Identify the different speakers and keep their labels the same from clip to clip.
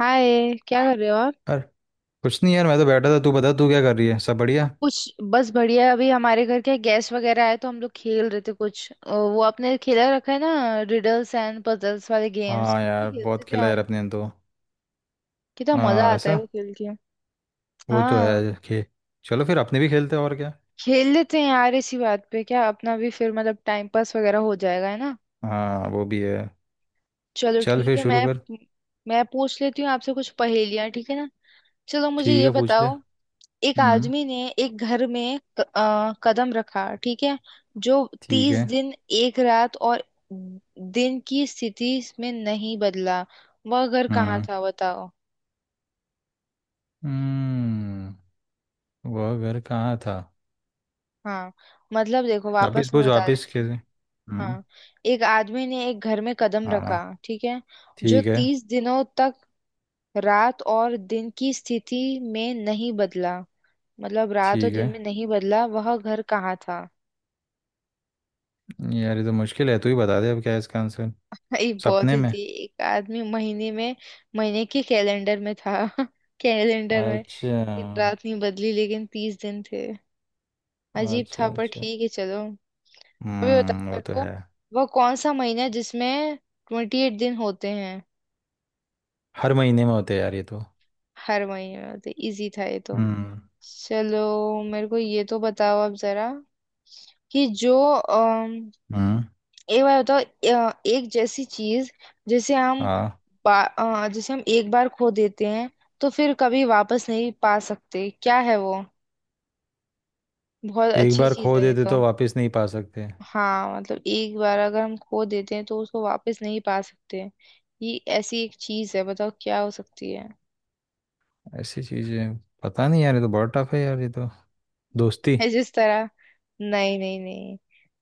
Speaker 1: हाय, क्या कर रहे हो आप।
Speaker 2: यार कुछ नहीं यार, मैं तो बैठा था। तू बता, तू क्या कर रही है? सब बढ़िया?
Speaker 1: कुछ बस बढ़िया। अभी हमारे घर के गेस्ट वगैरह आए तो हम लोग खेल रहे थे कुछ। वो आपने खेला रखा है ना, रिडल्स एंड पजल्स वाले गेम्स
Speaker 2: हाँ
Speaker 1: कितने
Speaker 2: यार,
Speaker 1: खेलते
Speaker 2: बहुत
Speaker 1: थे
Speaker 2: खेला यार
Speaker 1: हम।
Speaker 2: अपने तो।
Speaker 1: कितना मजा
Speaker 2: हाँ
Speaker 1: आता है वो
Speaker 2: ऐसा।
Speaker 1: खेल के।
Speaker 2: वो तो
Speaker 1: हाँ।
Speaker 2: है खे चलो, फिर अपने भी खेलते हैं और क्या।
Speaker 1: खेल लेते हैं यार इसी बात पे। क्या अपना भी फिर मतलब टाइम पास वगैरह हो जाएगा है ना।
Speaker 2: हाँ वो भी है।
Speaker 1: चलो
Speaker 2: चल
Speaker 1: ठीक
Speaker 2: फिर
Speaker 1: है।
Speaker 2: शुरू
Speaker 1: मैं
Speaker 2: कर।
Speaker 1: मैं पूछ लेती हूँ आपसे कुछ पहेलियाँ, ठीक है ना। चलो, मुझे
Speaker 2: ठीक
Speaker 1: ये
Speaker 2: है पूछ ले।
Speaker 1: बताओ। एक
Speaker 2: हम्म।
Speaker 1: आदमी ने एक घर में कदम रखा, ठीक है। जो
Speaker 2: ठीक
Speaker 1: 30
Speaker 2: है।
Speaker 1: दिन एक रात और दिन की स्थिति में नहीं बदला, वह घर कहाँ
Speaker 2: हम्म।
Speaker 1: था बताओ।
Speaker 2: हम्म। वो घर कहाँ था?
Speaker 1: हाँ, मतलब देखो,
Speaker 2: वापिस
Speaker 1: वापस मैं
Speaker 2: पूछ,
Speaker 1: बता
Speaker 2: वापिस
Speaker 1: देती
Speaker 2: खेल।
Speaker 1: हूँ।
Speaker 2: हम्म।
Speaker 1: हाँ, एक आदमी ने एक घर में कदम
Speaker 2: हाँ,
Speaker 1: रखा, ठीक है। जो
Speaker 2: ठीक है।
Speaker 1: तीस दिनों तक रात और दिन की स्थिति में नहीं बदला, मतलब रात और
Speaker 2: ठीक
Speaker 1: दिन
Speaker 2: है
Speaker 1: में नहीं बदला, वह घर कहाँ था।
Speaker 2: यार, ये तो मुश्किल है। तू ही बता दे अब, क्या है इसका आंसर?
Speaker 1: ये बहुत
Speaker 2: सपने
Speaker 1: ही
Speaker 2: में?
Speaker 1: थी। एक आदमी महीने में, महीने के कैलेंडर में था। कैलेंडर में
Speaker 2: अच्छा
Speaker 1: दिन रात नहीं बदली लेकिन 30 दिन थे। अजीब था
Speaker 2: अच्छा।
Speaker 1: पर
Speaker 2: अच्छा,
Speaker 1: ठीक है चलो। अभी बताओ
Speaker 2: वो
Speaker 1: मेरे
Speaker 2: तो
Speaker 1: को,
Speaker 2: है।
Speaker 1: वो कौन सा महीना है जिसमें 28 दिन होते हैं।
Speaker 2: हर महीने में होते हैं यार ये तो।
Speaker 1: हर महीने में होते, इजी था ये तो।
Speaker 2: हम्म।
Speaker 1: चलो, मेरे को ये तो बताओ आप जरा, कि जो
Speaker 2: हम्म।
Speaker 1: एक बार बताओ एक जैसी चीज जिसे हम
Speaker 2: हाँ।
Speaker 1: जिसे हम एक बार खो देते हैं तो फिर कभी वापस नहीं पा सकते, क्या है वो। बहुत
Speaker 2: एक
Speaker 1: अच्छी
Speaker 2: बार
Speaker 1: चीज
Speaker 2: खो
Speaker 1: है ये
Speaker 2: देते
Speaker 1: तो।
Speaker 2: तो वापस नहीं पा सकते?
Speaker 1: हाँ, मतलब एक बार अगर हम खो देते हैं तो उसको वापस नहीं पा सकते। ये ऐसी एक चीज है, बताओ क्या हो सकती है।
Speaker 2: ऐसी चीजें। पता नहीं यार, ये तो बहुत टफ है यार ये तो। दोस्ती।
Speaker 1: है जिस तरह। नहीं नहीं नहीं,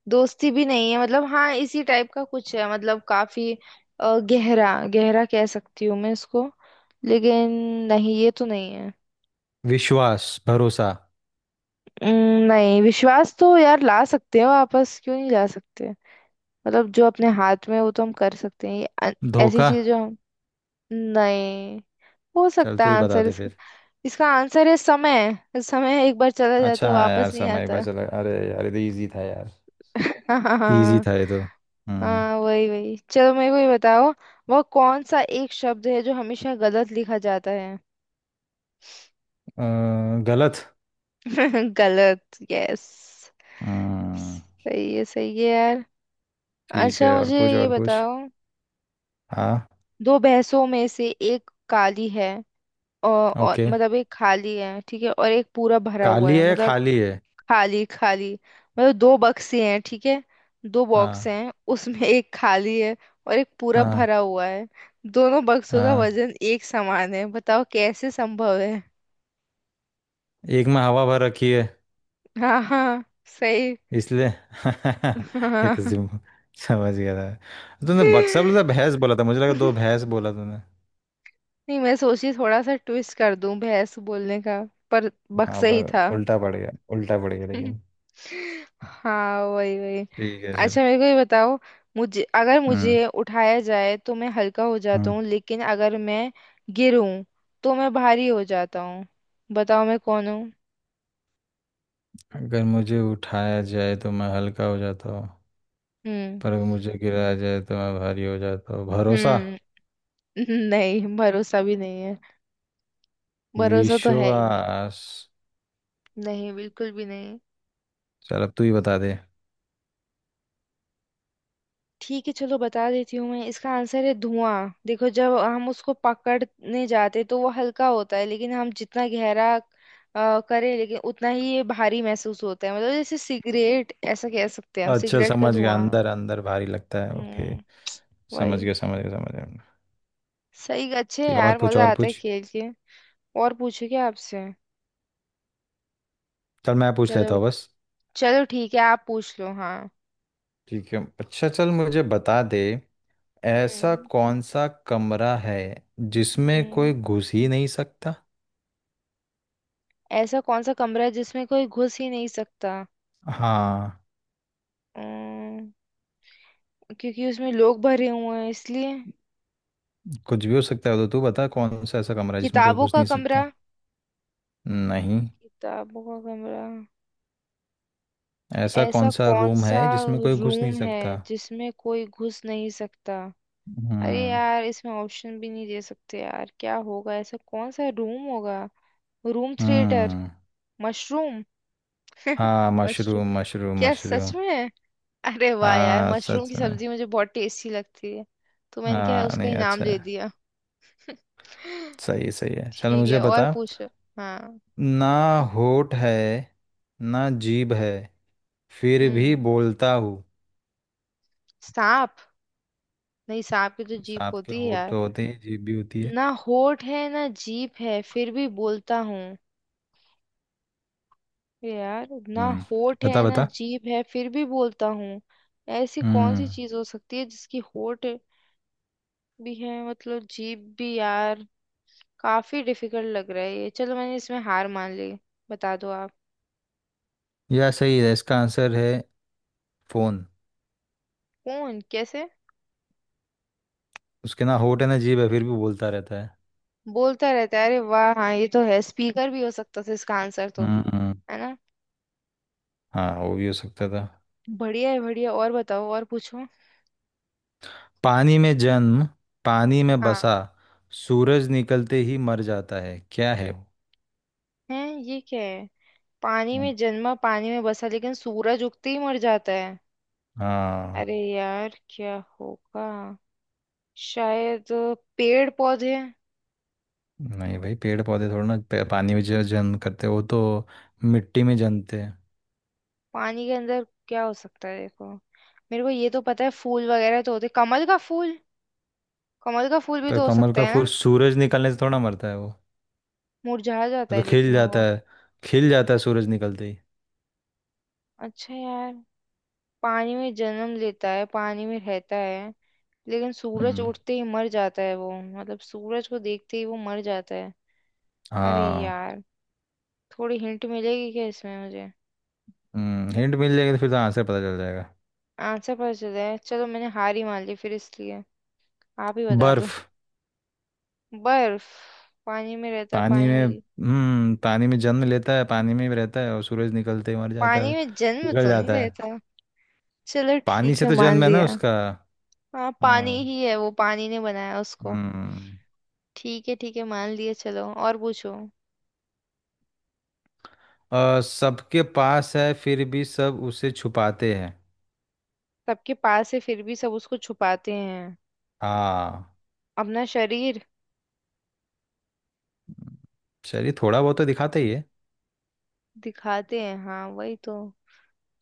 Speaker 1: दोस्ती भी नहीं है। मतलब हाँ, इसी टाइप का कुछ है, मतलब काफी गहरा, गहरा कह सकती हूँ मैं इसको, लेकिन नहीं, ये तो नहीं है।
Speaker 2: विश्वास? भरोसा?
Speaker 1: उम, नहीं, विश्वास तो यार ला सकते हैं वापस, क्यों नहीं ला सकते। मतलब जो अपने हाथ में है, वो तो हम कर सकते हैं। ये अन- ऐसी
Speaker 2: धोखा?
Speaker 1: चीज जो हम। नहीं। हो
Speaker 2: चल
Speaker 1: सकता
Speaker 2: तू
Speaker 1: है
Speaker 2: ही बता
Speaker 1: आंसर
Speaker 2: दे
Speaker 1: इसका।
Speaker 2: फिर।
Speaker 1: इसका आंसर है समय। समय एक बार चला जाता
Speaker 2: अच्छा,
Speaker 1: है,
Speaker 2: हाँ यार
Speaker 1: वापस नहीं
Speaker 2: समय
Speaker 1: आता।
Speaker 2: बच लग अरे यार, ये तो इजी था यार। इजी
Speaker 1: हाँ,
Speaker 2: था ये तो। हम्म।
Speaker 1: हाँ वही वही। चलो मेरे को ये बताओ, वह कौन सा एक शब्द है जो हमेशा गलत लिखा जाता है।
Speaker 2: गलत।
Speaker 1: गलत, यस।
Speaker 2: हम्म।
Speaker 1: सही है, सही है यार।
Speaker 2: ठीक
Speaker 1: अच्छा,
Speaker 2: है, और
Speaker 1: मुझे
Speaker 2: पूछ
Speaker 1: ये
Speaker 2: और पूछ।
Speaker 1: बताओ।
Speaker 2: हाँ।
Speaker 1: दो भैंसों में से एक काली है, और
Speaker 2: ओके।
Speaker 1: मतलब एक खाली है, ठीक है, और एक पूरा भरा हुआ
Speaker 2: काली
Speaker 1: है,
Speaker 2: है,
Speaker 1: मतलब
Speaker 2: खाली है?
Speaker 1: खाली खाली। मतलब दो बक्से हैं, ठीक है। दो बॉक्स
Speaker 2: हाँ।
Speaker 1: हैं उसमें, एक खाली है और एक पूरा
Speaker 2: हाँ।
Speaker 1: भरा हुआ है। दोनों बक्सों का
Speaker 2: हाँ,
Speaker 1: वजन एक समान है, बताओ कैसे संभव है।
Speaker 2: एक में हवा भर रखी है।
Speaker 1: हाँ, हाँ सही।
Speaker 2: इसलिए ये तो
Speaker 1: हाँ।
Speaker 2: सिम समझ गया था। तूने बक्सा बोला था, भैंस बोला था, मुझे लगा दो भैंस बोला तूने।
Speaker 1: नहीं, मैं सोची थोड़ा सा ट्विस्ट कर दूं भैंस बोलने का, पर
Speaker 2: हाँ,
Speaker 1: बक्सा ही
Speaker 2: पर
Speaker 1: था।
Speaker 2: उल्टा पड़ गया, उल्टा पड़ गया लेकिन।
Speaker 1: हाँ वही वही।
Speaker 2: ठीक है चल।
Speaker 1: अच्छा मेरे को ये बताओ। मुझे, अगर
Speaker 2: हम्म।
Speaker 1: मुझे उठाया जाए तो मैं हल्का हो जाता
Speaker 2: हम्म।
Speaker 1: हूँ, लेकिन अगर मैं गिरूं तो मैं भारी हो जाता हूँ। बताओ मैं कौन हूँ।
Speaker 2: अगर मुझे उठाया जाए तो मैं हल्का हो जाता हूँ।
Speaker 1: हम्म।
Speaker 2: पर अगर मुझे गिराया जाए तो मैं भारी हो जाता हूँ। भरोसा?
Speaker 1: हम्म। नहीं, भरोसा भी नहीं है। भरोसा तो है ही नहीं।
Speaker 2: विश्वास?
Speaker 1: नहीं, बिल्कुल भी नहीं।
Speaker 2: चल, अब तू ही बता दे।
Speaker 1: ठीक है चलो, बता देती हूँ मैं। इसका आंसर है धुआं। देखो जब हम उसको पकड़ने जाते तो वो हल्का होता है, लेकिन हम जितना गहरा करें लेकिन उतना ही ये भारी महसूस होता है। मतलब जैसे सिगरेट, ऐसा कह सकते हैं, हम
Speaker 2: अच्छा,
Speaker 1: सिगरेट का
Speaker 2: समझ गया।
Speaker 1: धुआं।
Speaker 2: अंदर अंदर भारी लगता है। ओके।
Speaker 1: हम्म।
Speaker 2: समझ
Speaker 1: वही।
Speaker 2: गया, समझ गया, समझ गया।
Speaker 1: सही। अच्छे हैं
Speaker 2: ठीक है, और
Speaker 1: यार,
Speaker 2: पूछ
Speaker 1: मजा
Speaker 2: और
Speaker 1: आता है
Speaker 2: पूछ।
Speaker 1: खेल के। और पूछो क्या आपसे।
Speaker 2: चल मैं पूछ
Speaker 1: चलो।
Speaker 2: लेता हूँ बस।
Speaker 1: चलो ठीक है, आप पूछ लो। हाँ।
Speaker 2: ठीक है, अच्छा चल मुझे बता दे। ऐसा
Speaker 1: हम्म।
Speaker 2: कौन सा कमरा है जिसमें
Speaker 1: हम्म।
Speaker 2: कोई घुस ही नहीं सकता?
Speaker 1: ऐसा कौन सा कमरा है जिसमें कोई घुस ही नहीं सकता।
Speaker 2: हाँ।
Speaker 1: अम्म, क्योंकि उसमें लोग भरे हुए हैं इसलिए।
Speaker 2: कुछ भी हो सकता है, तो तू बता कौन सा ऐसा कमरा है जिसमें कोई
Speaker 1: किताबों
Speaker 2: घुस
Speaker 1: का
Speaker 2: नहीं
Speaker 1: कमरा।
Speaker 2: सकता? नहीं।
Speaker 1: किताबों का कमरा।
Speaker 2: ऐसा
Speaker 1: ऐसा
Speaker 2: कौन सा
Speaker 1: कौन
Speaker 2: रूम
Speaker 1: सा
Speaker 2: है जिसमें कोई घुस नहीं
Speaker 1: रूम है
Speaker 2: सकता?
Speaker 1: जिसमें कोई घुस नहीं सकता। अरे
Speaker 2: हम्म।
Speaker 1: यार, इसमें ऑप्शन भी नहीं दे सकते यार, क्या होगा ऐसा कौन सा रूम होगा। Room theatre.
Speaker 2: हम्म।
Speaker 1: मशरूम।
Speaker 2: हाँ
Speaker 1: मशरूम,
Speaker 2: मशरूम, मशरूम,
Speaker 1: क्या सच
Speaker 2: मशरूम।
Speaker 1: में। अरे वाह यार,
Speaker 2: हाँ,
Speaker 1: मशरूम
Speaker 2: सच
Speaker 1: की
Speaker 2: में।
Speaker 1: सब्जी मुझे बहुत टेस्टी लगती है, तो मैंने क्या
Speaker 2: हाँ
Speaker 1: उसका
Speaker 2: नहीं,
Speaker 1: ही नाम
Speaker 2: अच्छा
Speaker 1: ले
Speaker 2: है,
Speaker 1: दिया।
Speaker 2: सही है, सही है, चल
Speaker 1: ठीक है
Speaker 2: मुझे
Speaker 1: और
Speaker 2: बता।
Speaker 1: पूछ। हाँ।
Speaker 2: ना होठ है, ना जीभ है, फिर भी
Speaker 1: हम्म।
Speaker 2: बोलता हूँ।
Speaker 1: सांप। नहीं, सांप की तो जीभ
Speaker 2: सांप के
Speaker 1: होती है
Speaker 2: होंठ
Speaker 1: यार।
Speaker 2: तो होते हैं, जीभ भी होती है।
Speaker 1: ना होठ है ना जीभ है फिर भी बोलता हूँ। यार, ना
Speaker 2: हम्म।
Speaker 1: होठ
Speaker 2: बता
Speaker 1: है ना
Speaker 2: बता।
Speaker 1: जीभ है फिर भी बोलता हूँ। ऐसी कौन
Speaker 2: हम्म।
Speaker 1: सी चीज हो सकती है जिसकी होठ भी है, मतलब जीभ भी। यार, काफी डिफिकल्ट लग रहा है ये। चलो मैंने इसमें हार मान ली, बता दो आप।
Speaker 2: यह सही है, इसका आंसर है फोन।
Speaker 1: कौन, कैसे।
Speaker 2: उसके ना होंठ है, ना जीभ है, फिर भी बोलता रहता है।
Speaker 1: बोलता रहता है, अरे वाह, हाँ ये तो है, स्पीकर भी हो सकता था इसका आंसर तो।
Speaker 2: हम्म।
Speaker 1: है ना।
Speaker 2: हाँ, वो भी हो सकता था।
Speaker 1: बढ़िया है बढ़िया, और बताओ और पूछो।
Speaker 2: पानी में जन्म, पानी में
Speaker 1: हाँ।
Speaker 2: बसा, सूरज निकलते ही मर जाता है। क्या है वो?
Speaker 1: है। ये क्या है। पानी
Speaker 2: हम्म।
Speaker 1: में जन्मा, पानी में बसा, लेकिन सूरज उगते ही मर जाता है।
Speaker 2: हाँ।
Speaker 1: अरे यार क्या होगा, शायद पेड़ पौधे।
Speaker 2: नहीं भाई, पेड़ पौधे थोड़ा ना। पानी में जो जन्म करते हैं, वो तो मिट्टी में जन्मते हैं।
Speaker 1: पानी के अंदर क्या हो सकता है देखो। मेरे को ये तो पता है, फूल वगैरह तो होते, कमल का फूल। कमल का फूल भी
Speaker 2: पर
Speaker 1: तो हो
Speaker 2: कमल
Speaker 1: सकता
Speaker 2: का
Speaker 1: है
Speaker 2: फूल
Speaker 1: ना।
Speaker 2: सूरज निकलने से थोड़ा मरता है वो?
Speaker 1: मुरझा जाता
Speaker 2: वो तो
Speaker 1: है
Speaker 2: खिल
Speaker 1: लेकिन
Speaker 2: जाता
Speaker 1: वो।
Speaker 2: है। खिल जाता है सूरज निकलते ही।
Speaker 1: अच्छा यार, पानी में जन्म लेता है, पानी में रहता है, लेकिन सूरज
Speaker 2: हम्म।
Speaker 1: उठते ही मर जाता है वो, मतलब सूरज को देखते ही वो मर जाता है। अरे
Speaker 2: हाँ।
Speaker 1: यार, थोड़ी हिंट मिलेगी क्या इसमें मुझे।
Speaker 2: हिंट मिल जाएगी तो फिर तो आंसर पता चल जाएगा।
Speaker 1: आंसर पता चल है, चलो मैंने हार ही मान ली फिर इसलिए, आप ही बता दो।
Speaker 2: बर्फ।
Speaker 1: बर्फ। पानी में रहता, पानी में जी,
Speaker 2: पानी में जन्म लेता है, पानी में ही रहता है और सूरज निकलते ही मर जाता
Speaker 1: पानी
Speaker 2: है।
Speaker 1: में जन्म
Speaker 2: पिघल
Speaker 1: तो नहीं
Speaker 2: जाता है।
Speaker 1: रहता। चलो
Speaker 2: पानी
Speaker 1: ठीक
Speaker 2: से
Speaker 1: है,
Speaker 2: तो
Speaker 1: मान
Speaker 2: जन्म है ना
Speaker 1: लिया।
Speaker 2: उसका।
Speaker 1: हाँ पानी
Speaker 2: हाँ।
Speaker 1: ही है वो, पानी ने बनाया उसको।
Speaker 2: हम्म।
Speaker 1: ठीक है, ठीक है मान लिए, चलो और पूछो।
Speaker 2: सबके पास है फिर भी सब उसे छुपाते हैं।
Speaker 1: सबके पास है फिर भी सब उसको छुपाते हैं।
Speaker 2: हाँ।
Speaker 1: अपना शरीर।
Speaker 2: चलिए, थोड़ा बहुत तो दिखाते ही है।
Speaker 1: दिखाते हैं, हाँ वही तो।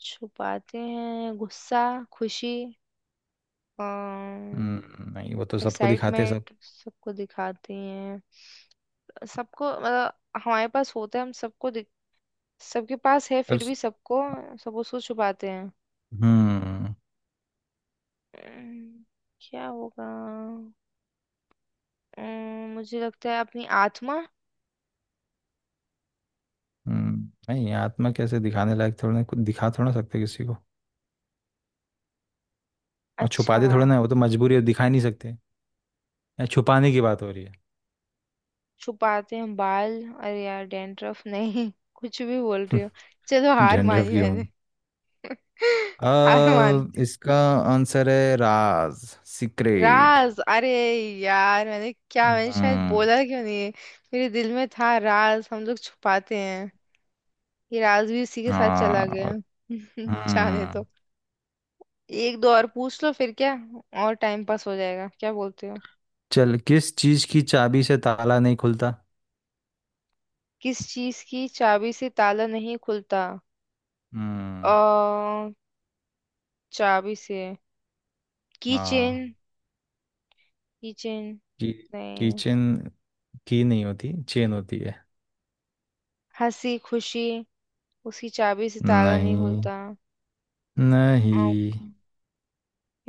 Speaker 1: छुपाते हैं गुस्सा, खुशी, एक्साइटमेंट।
Speaker 2: हम्म, नहीं, वो तो सबको दिखाते हैं सब।
Speaker 1: सबको दिखाते हैं। सबको मतलब हमारे पास होता है, हम सबको दिख-। सबके पास है
Speaker 2: पर-
Speaker 1: फिर भी सबको, सब उसको छुपाते हैं।
Speaker 2: हम्म।
Speaker 1: अम्म, क्या होगा। मुझे लगता है अपनी आत्मा।
Speaker 2: नहीं, आत्मा कैसे? दिखाने लायक थोड़ा ना कुछ, दिखा थोड़ा ना सकते किसी को। और छुपा
Speaker 1: अच्छा।
Speaker 2: दे थोड़ा ना, वो तो मजबूरी है, दिखा ही नहीं सकते यहाँ। छुपाने की बात हो रही है।
Speaker 1: छुपाते हैं बाल। अरे यार डैंड्रफ, नहीं कुछ भी बोल रही हो। चलो हार
Speaker 2: डैंड्रफ
Speaker 1: मानी
Speaker 2: की
Speaker 1: मैंने।
Speaker 2: होंगी।
Speaker 1: हार मान।
Speaker 2: इसका आंसर है राज, सीक्रेट।
Speaker 1: राज। अरे यार, मैंने क्या, मैंने शायद
Speaker 2: हम्म।
Speaker 1: बोला क्यों नहीं। मेरे दिल में था राज हम लोग छुपाते हैं। ये राज भी उसी के साथ चला गया।
Speaker 2: हाँ।
Speaker 1: जाने दो।
Speaker 2: हम्म।
Speaker 1: एक दो और पूछ लो फिर क्या, और टाइम पास हो जाएगा, क्या बोलते हो।
Speaker 2: चल, किस चीज की चाबी से ताला नहीं खुलता?
Speaker 1: किस चीज की चाबी से ताला नहीं खुलता। अ
Speaker 2: हम्म।
Speaker 1: चाबी से की चेन।
Speaker 2: हाँ।
Speaker 1: की चेन
Speaker 2: की
Speaker 1: नहीं।
Speaker 2: किचन। की नहीं होती, चेन होती है।
Speaker 1: हंसी खुशी उसकी चाबी से ताला नहीं
Speaker 2: नहीं,
Speaker 1: खुलता। आँख-,
Speaker 2: नहीं।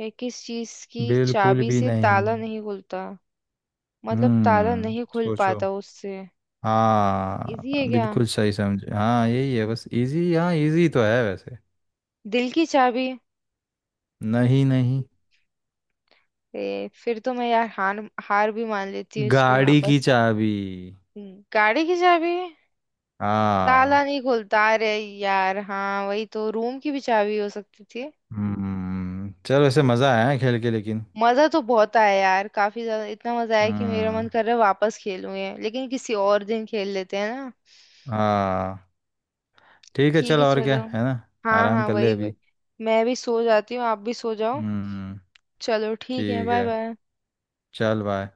Speaker 1: ये किस चीज की
Speaker 2: बिल्कुल
Speaker 1: चाबी
Speaker 2: भी
Speaker 1: से
Speaker 2: नहीं।
Speaker 1: ताला नहीं खुलता, मतलब ताला नहीं खुल
Speaker 2: सोचो।
Speaker 1: पाता उससे।
Speaker 2: हाँ
Speaker 1: इजी है क्या,
Speaker 2: बिल्कुल, सही समझे। हाँ यही है बस, इजी। हाँ, इजी तो है वैसे।
Speaker 1: दिल की चाबी।
Speaker 2: नहीं, नहीं।
Speaker 1: फिर तो मैं यार हार, हार भी मान लेती हूँ इसमें
Speaker 2: गाड़ी की
Speaker 1: वापस।
Speaker 2: चाबी।
Speaker 1: गाड़ी की चाबी।
Speaker 2: हाँ।
Speaker 1: ताला नहीं खुलता, अरे यार हाँ, वही तो रूम की भी चाबी हो सकती थी।
Speaker 2: हम्म। चलो, ऐसे मज़ा आया है खेल के लेकिन।
Speaker 1: मजा तो बहुत आया यार, काफी ज्यादा, इतना मजा आया कि मेरा मन
Speaker 2: हम्म।
Speaker 1: कर रहा है वापस खेलूं ये, लेकिन किसी और दिन खेल लेते हैं ना।
Speaker 2: हाँ। ठीक है
Speaker 1: ठीक
Speaker 2: चल,
Speaker 1: है
Speaker 2: और क्या
Speaker 1: चलो।
Speaker 2: है ना।
Speaker 1: हाँ
Speaker 2: आराम
Speaker 1: हाँ
Speaker 2: कर ले
Speaker 1: वही वही।
Speaker 2: अभी।
Speaker 1: मैं भी सो जाती हूँ, आप भी सो जाओ।
Speaker 2: हम्म।
Speaker 1: चलो ठीक है,
Speaker 2: ठीक
Speaker 1: बाय
Speaker 2: है,
Speaker 1: बाय।
Speaker 2: चल बाय।